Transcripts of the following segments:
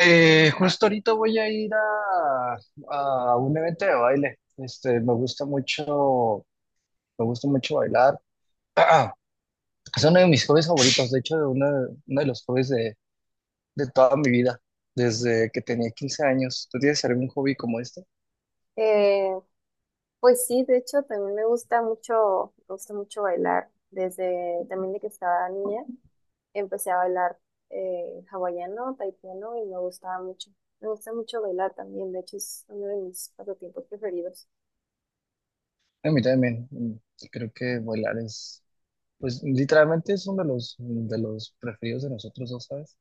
Justo ahorita voy a ir a un evento de baile. Me gusta mucho, me gusta mucho bailar. Es uno de mis hobbies favoritos, de hecho, de uno de los hobbies de toda mi vida, desde que tenía 15 años. ¿Tú tienes algún hobby como este? Eh, pues sí, de hecho también me gusta mucho bailar. Desde también de que estaba niña empecé a bailar hawaiano, taipiano y me gustaba mucho. Me gusta mucho bailar también, de hecho es uno de mis pasatiempos preferidos. A mí también. Creo que bailar es, pues, literalmente es uno de los preferidos de nosotros dos, ¿sabes?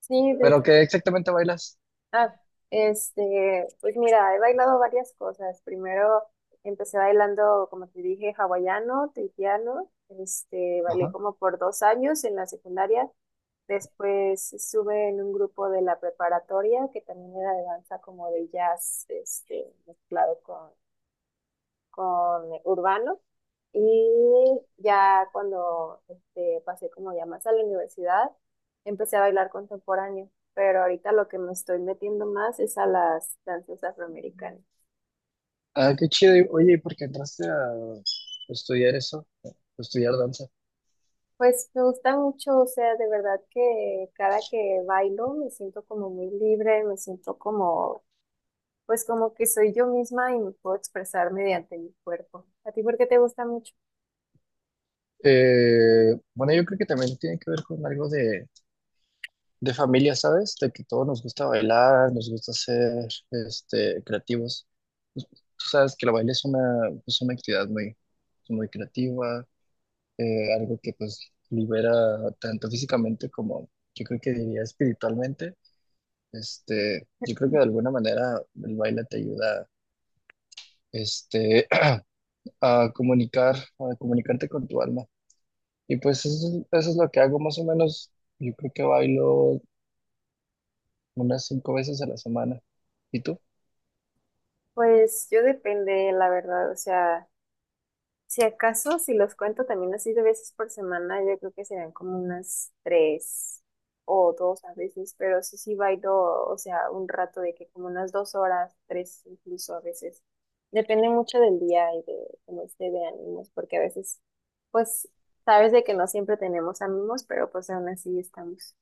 Sí, de hecho. Pero ¿qué exactamente bailas? Ah, pues mira, he bailado varias cosas. Primero empecé bailando, como te dije, hawaiano, taipiano. Bailé Ajá. como por 2 años en la secundaria. Después estuve en un grupo de la preparatoria que también era de danza como de jazz, mezclado con urbano. Y ya cuando pasé como ya más a la universidad, empecé a bailar contemporáneo. Pero ahorita lo que me estoy metiendo más es a las danzas afroamericanas. Ah, qué chido. Oye, ¿y por qué entraste a estudiar eso? Estudiar danza. Pues me gusta mucho, o sea, de verdad que cada que bailo me siento como muy libre, me siento como pues como que soy yo misma y me puedo expresar mediante mi cuerpo. ¿A ti por qué te gusta mucho? Bueno, yo creo que también tiene que ver con algo de familia, ¿sabes? De que todos nos gusta bailar, nos gusta ser creativos. Pues, tú sabes que la baile es una, pues, una actividad muy, muy creativa, algo que pues libera tanto físicamente como yo creo que diría espiritualmente. Yo creo que de alguna manera el baile te ayuda este, a comunicarte con tu alma. Y pues eso, eso es lo que hago más o menos. Yo creo que bailo unas 5 veces a la semana. ¿Y tú? Pues yo depende, la verdad, o sea, si acaso, si los cuento también así de veces por semana, yo creo que serían como unas tres o dos a veces, pero sí, sí bailo, o sea, un rato de que como unas 2 horas, tres incluso a veces. Depende mucho del día y de cómo esté de ánimos, porque a veces, pues, sabes de que no siempre tenemos ánimos, pero pues aún así estamos.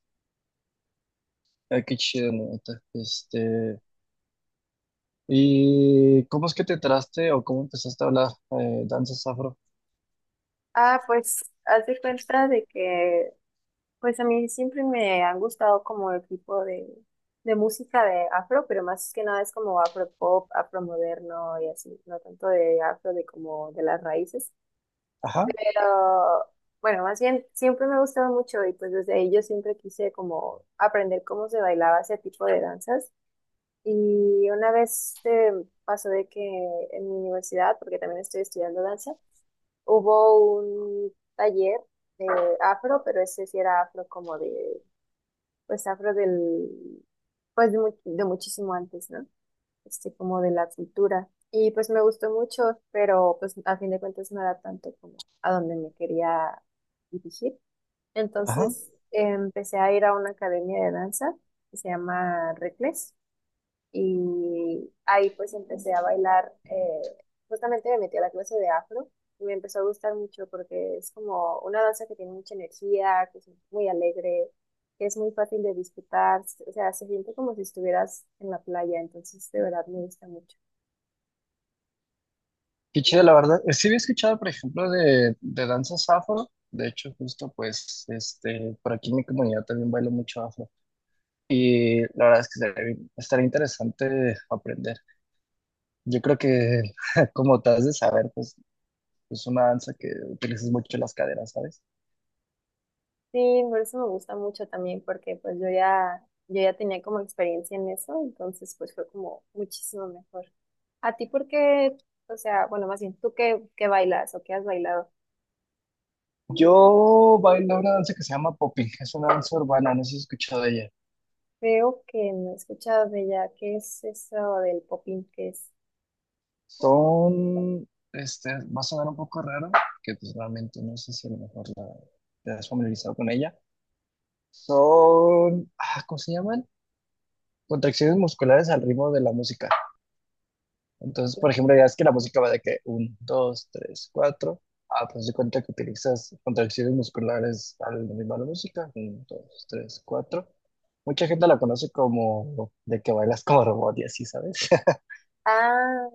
Ay, qué chido, neta. ¿Y cómo es que te traste o cómo empezaste a hablar danzas afro? Ah, pues haz de cuenta de que, pues a mí siempre me han gustado como el tipo de música de afro, pero más que nada es como afro pop, afro moderno y así, no tanto de afro de como de las raíces. Ajá, Pero bueno, más bien siempre me ha gustado mucho y pues desde ahí yo siempre quise como aprender cómo se bailaba ese tipo de danzas. Y una vez pasó de que en mi universidad, porque también estoy estudiando danza, hubo un taller de afro, pero ese sí era afro como de, pues afro del, pues de, de muchísimo antes, ¿no? Como de la cultura. Y pues me gustó mucho, pero pues a fin de cuentas no era tanto como a donde me quería dirigir. ajá. Entonces empecé a ir a una academia de danza que se llama Recles. Y ahí pues empecé a bailar, justamente me metí a la clase de afro y me empezó a gustar mucho porque es como una danza que tiene mucha energía, que es muy alegre, que es muy fácil de disfrutar, o sea, se siente como si estuvieras en la playa, entonces de verdad me gusta mucho. Qué chido, la verdad. Sí había escuchado, por ejemplo, de danzas afro. De hecho, justo pues, este, por aquí en mi comunidad también bailo mucho afro. Y la verdad es que estaría interesante aprender. Yo creo que, como te has de saber, pues es una danza que utilizas mucho las caderas, ¿sabes? Sí, por eso me gusta mucho también porque pues yo ya tenía como experiencia en eso, entonces pues fue como muchísimo mejor. ¿A ti por qué, o sea, bueno, más bien, tú qué bailas o qué has bailado? Yo bailo una danza que se llama popping. Es una danza urbana, no sé si has escuchado de ella. Creo que no he escuchado de ella. ¿Qué es eso del popín? ¿Qué es? Son, este, va a sonar un poco raro, que pues realmente no sé si a lo mejor te has familiarizado con ella. Son, ¿cómo se llaman? Contracciones musculares al ritmo de la música. Entonces, por ejemplo, ya es que la música va de que uno 2 3 cuatro. Ah, pues de cuenta que utilizas contracciones musculares al ritmo de la música. Uno 2 3 cuatro. Mucha gente la conoce como de que bailas como robot y así, ¿sabes? Ah,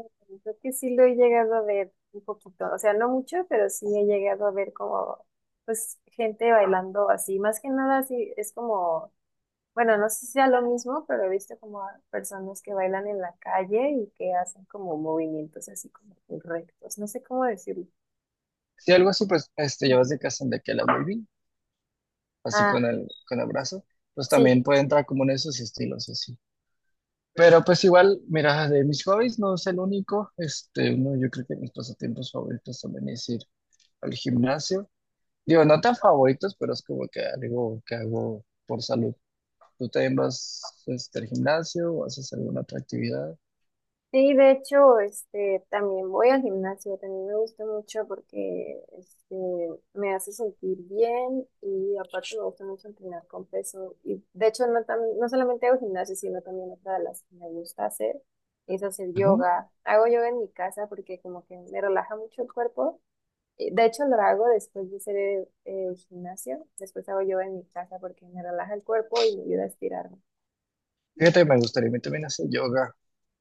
creo que sí lo he llegado a ver un poquito. O sea, no mucho, pero sí he llegado a ver como, pues, gente bailando así. Más que nada, sí, es como, bueno, no sé si sea lo mismo, pero he visto como a personas que bailan en la calle y que hacen como movimientos así como rectos. No sé cómo decirlo. Si algo así, pues este, llevas de casa de que la waving, así Ah, con el brazo, pues sí. también puede entrar como en esos estilos así. Pero pues igual, mira, de mis hobbies no es el único. Este, no yo creo que mis pasatiempos favoritos también es ir al gimnasio. Digo, no tan favoritos, pero es como que algo que hago por salud. ¿Tú también vas al gimnasio o haces alguna otra actividad? Sí, de hecho, también voy al gimnasio, también me gusta mucho porque me hace sentir bien y aparte me gusta mucho entrenar con peso. Y de hecho, no, no solamente hago gimnasio, sino también otra de las que me gusta hacer es hacer Ujú. yoga. Hago yoga en mi casa porque como que me relaja mucho el cuerpo. Y de hecho, lo hago después de hacer el gimnasio, después hago yoga en mi casa porque me relaja el cuerpo y me ayuda a estirarme. Fíjate, me gustaría a mí también hacer yoga,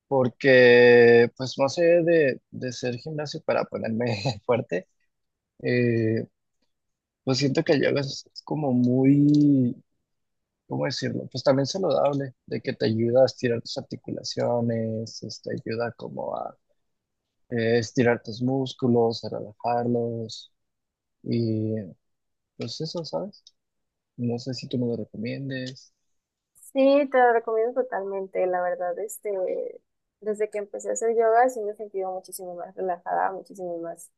porque pues no sé de ser gimnasio para ponerme fuerte, eh, pues siento que el yoga es como muy, ¿cómo decirlo? Pues también saludable, de que te ayuda a estirar tus articulaciones, ayuda como a estirar tus músculos, a relajarlos. Y pues eso, ¿sabes? No sé si tú me lo recomiendes. Sí, te lo recomiendo totalmente, la verdad, desde que empecé a hacer yoga sí me he sentido muchísimo más relajada, muchísimo más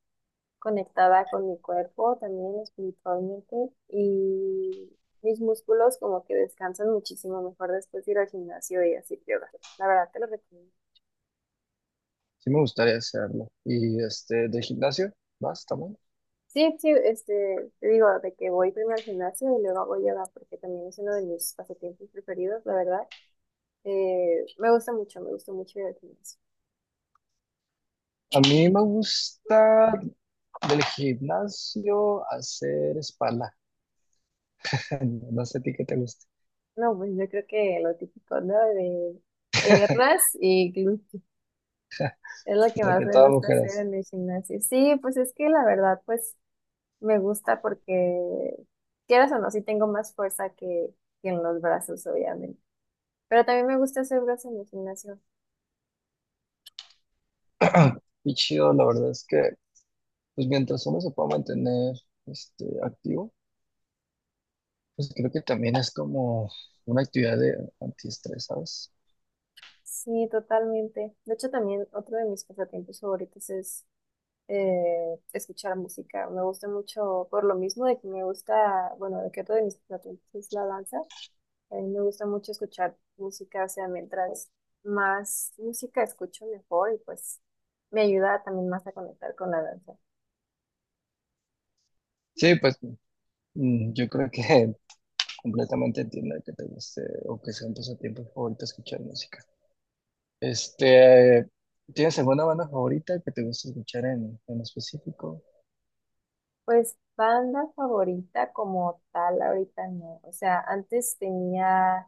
conectada con mi cuerpo, también espiritualmente, y mis músculos como que descansan muchísimo mejor después de ir al gimnasio y hacer yoga. La verdad, te lo recomiendo. Sí me gustaría hacerlo. Y este, de gimnasio, ¿vas también? Sí, sí, te digo, de que voy primero al gimnasio y luego hago yoga, porque también es uno de mis pasatiempos preferidos, la verdad. Me gusta mucho, me gusta mucho ir al gimnasio. A mí me gusta del gimnasio hacer espalda. No sé a ti qué te gusta. No, pues yo creo que lo típico, ¿no? De piernas y glúteos. Es lo que Lo más que me todas gusta hacer mujeres. en el gimnasio. Sí, pues es que la verdad, pues me gusta porque, quieras o no, sí tengo más fuerza que en los brazos, obviamente. Pero también me gusta hacer brazos en el gimnasio. Y chido, la verdad es que, pues mientras uno se pueda mantener activo, pues creo que también es como una actividad de antiestrés, ¿sabes? Sí, totalmente. De hecho, también otro de mis pasatiempos favoritos es escuchar música. Me gusta mucho, por lo mismo de que me gusta, bueno, de que otro de mis pasatiempos es la danza. A mí me gusta mucho escuchar música, o sea, mientras más música escucho mejor y pues me ayuda también más a conectar con la danza. Sí, pues yo creo que completamente entiendo que te guste o que sea un pasatiempo favorito escuchar música. Este, ¿tienes alguna banda favorita que te guste escuchar en específico? Pues banda favorita como tal ahorita no. O sea, antes tenía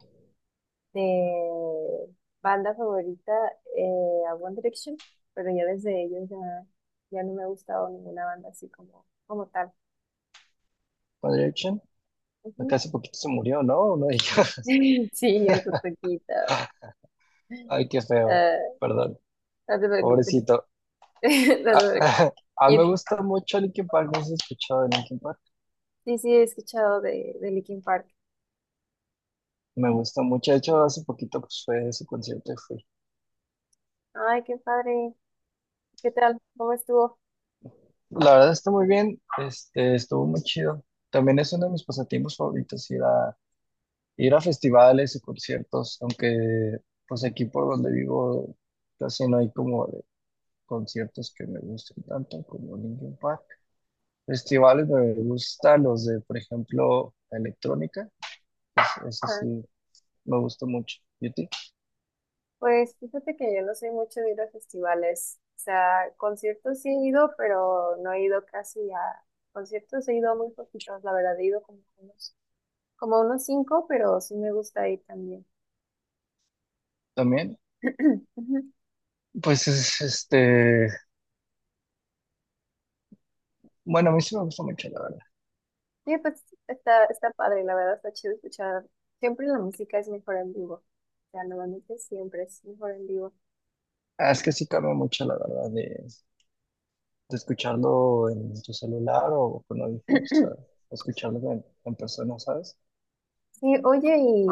de banda favorita a One Direction, pero ya desde ellos ya, ya no me ha gustado ninguna banda así como tal. One Direction, acá Ujú. hace poquito se murió, ¿no? No digas. Sí, eso poquito. Ay, qué feo. Ah, Perdón, no te preocupes. pobrecito. No te Ah, preocupes. ah, Y me gusta mucho Linkin Park, no sé si has escuchado de Linkin Park. sí, sí, he escuchado de Linkin Park. Me gusta mucho, de hecho, hace poquito pues, fue su concierto y fui. Ay, qué padre. ¿Qué tal? ¿Cómo estuvo? La verdad está muy bien, este, estuvo muy chido. También es uno de mis pasatiempos favoritos ir a festivales y conciertos, aunque pues aquí por donde vivo casi no hay como de conciertos que me gusten tanto como Linkin Park. Festivales me gustan los de, por ejemplo, electrónica, es, eso Ah, sí, me gusta mucho. ¿Y a ti? pues fíjate que yo no soy mucho de ir a festivales. O sea, conciertos sí he ido, pero no he ido casi a conciertos. He ido a muy poquitos, la verdad. He ido como a unos cinco, pero sí me gusta ir también. También, Ujú. pues es este, bueno, a mí sí me gusta mucho, la verdad. Sí, pues está padre, la verdad, está chido escuchar. Siempre la música es mejor en vivo. O sea, normalmente siempre es mejor en vivo. Ah, es que sí cambia mucho, la verdad, de escucharlo en tu celular o con audífonos, o escucharlo en persona, ¿sabes? Sí, oye, y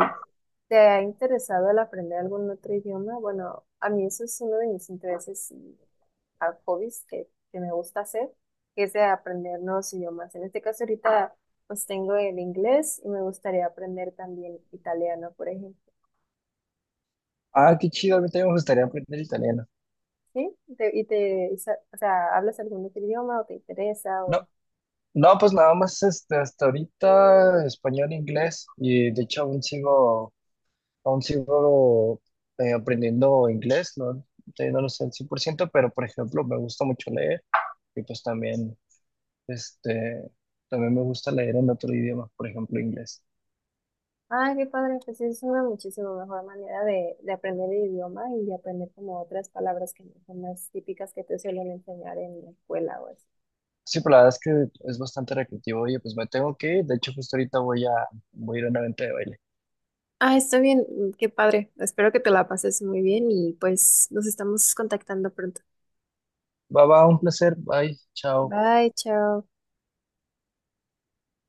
¿te ha interesado el aprender algún otro idioma? Bueno, a mí eso es uno de mis intereses y hobbies que me gusta hacer, que es de aprender nuevos idiomas. En este caso ahorita pues tengo el inglés y me gustaría aprender también italiano, por ejemplo. Ah, qué chido, a mí también me gustaría aprender italiano. ¿Sí? ¿ O sea, hablas algún otro idioma o te interesa No, o... no, pues nada más este, hasta ahorita español, inglés y de hecho aún sigo aprendiendo inglés, no, todavía no lo sé al 100%, pero por ejemplo me gusta mucho leer y pues también, este, también me gusta leer en otro idioma, por ejemplo inglés. Ay, qué padre, pues es una muchísimo mejor manera de aprender el idioma y de aprender como otras palabras que no son las típicas que te suelen enseñar en la escuela o así. Sí, pero la verdad es que es bastante recreativo. Oye, pues me tengo que ir, de hecho justo ahorita voy a ir a una venta de baile. Ah, está bien, qué padre. Espero que te la pases muy bien y pues nos estamos contactando pronto. Va, va, un placer, bye, chao. Bye, chao.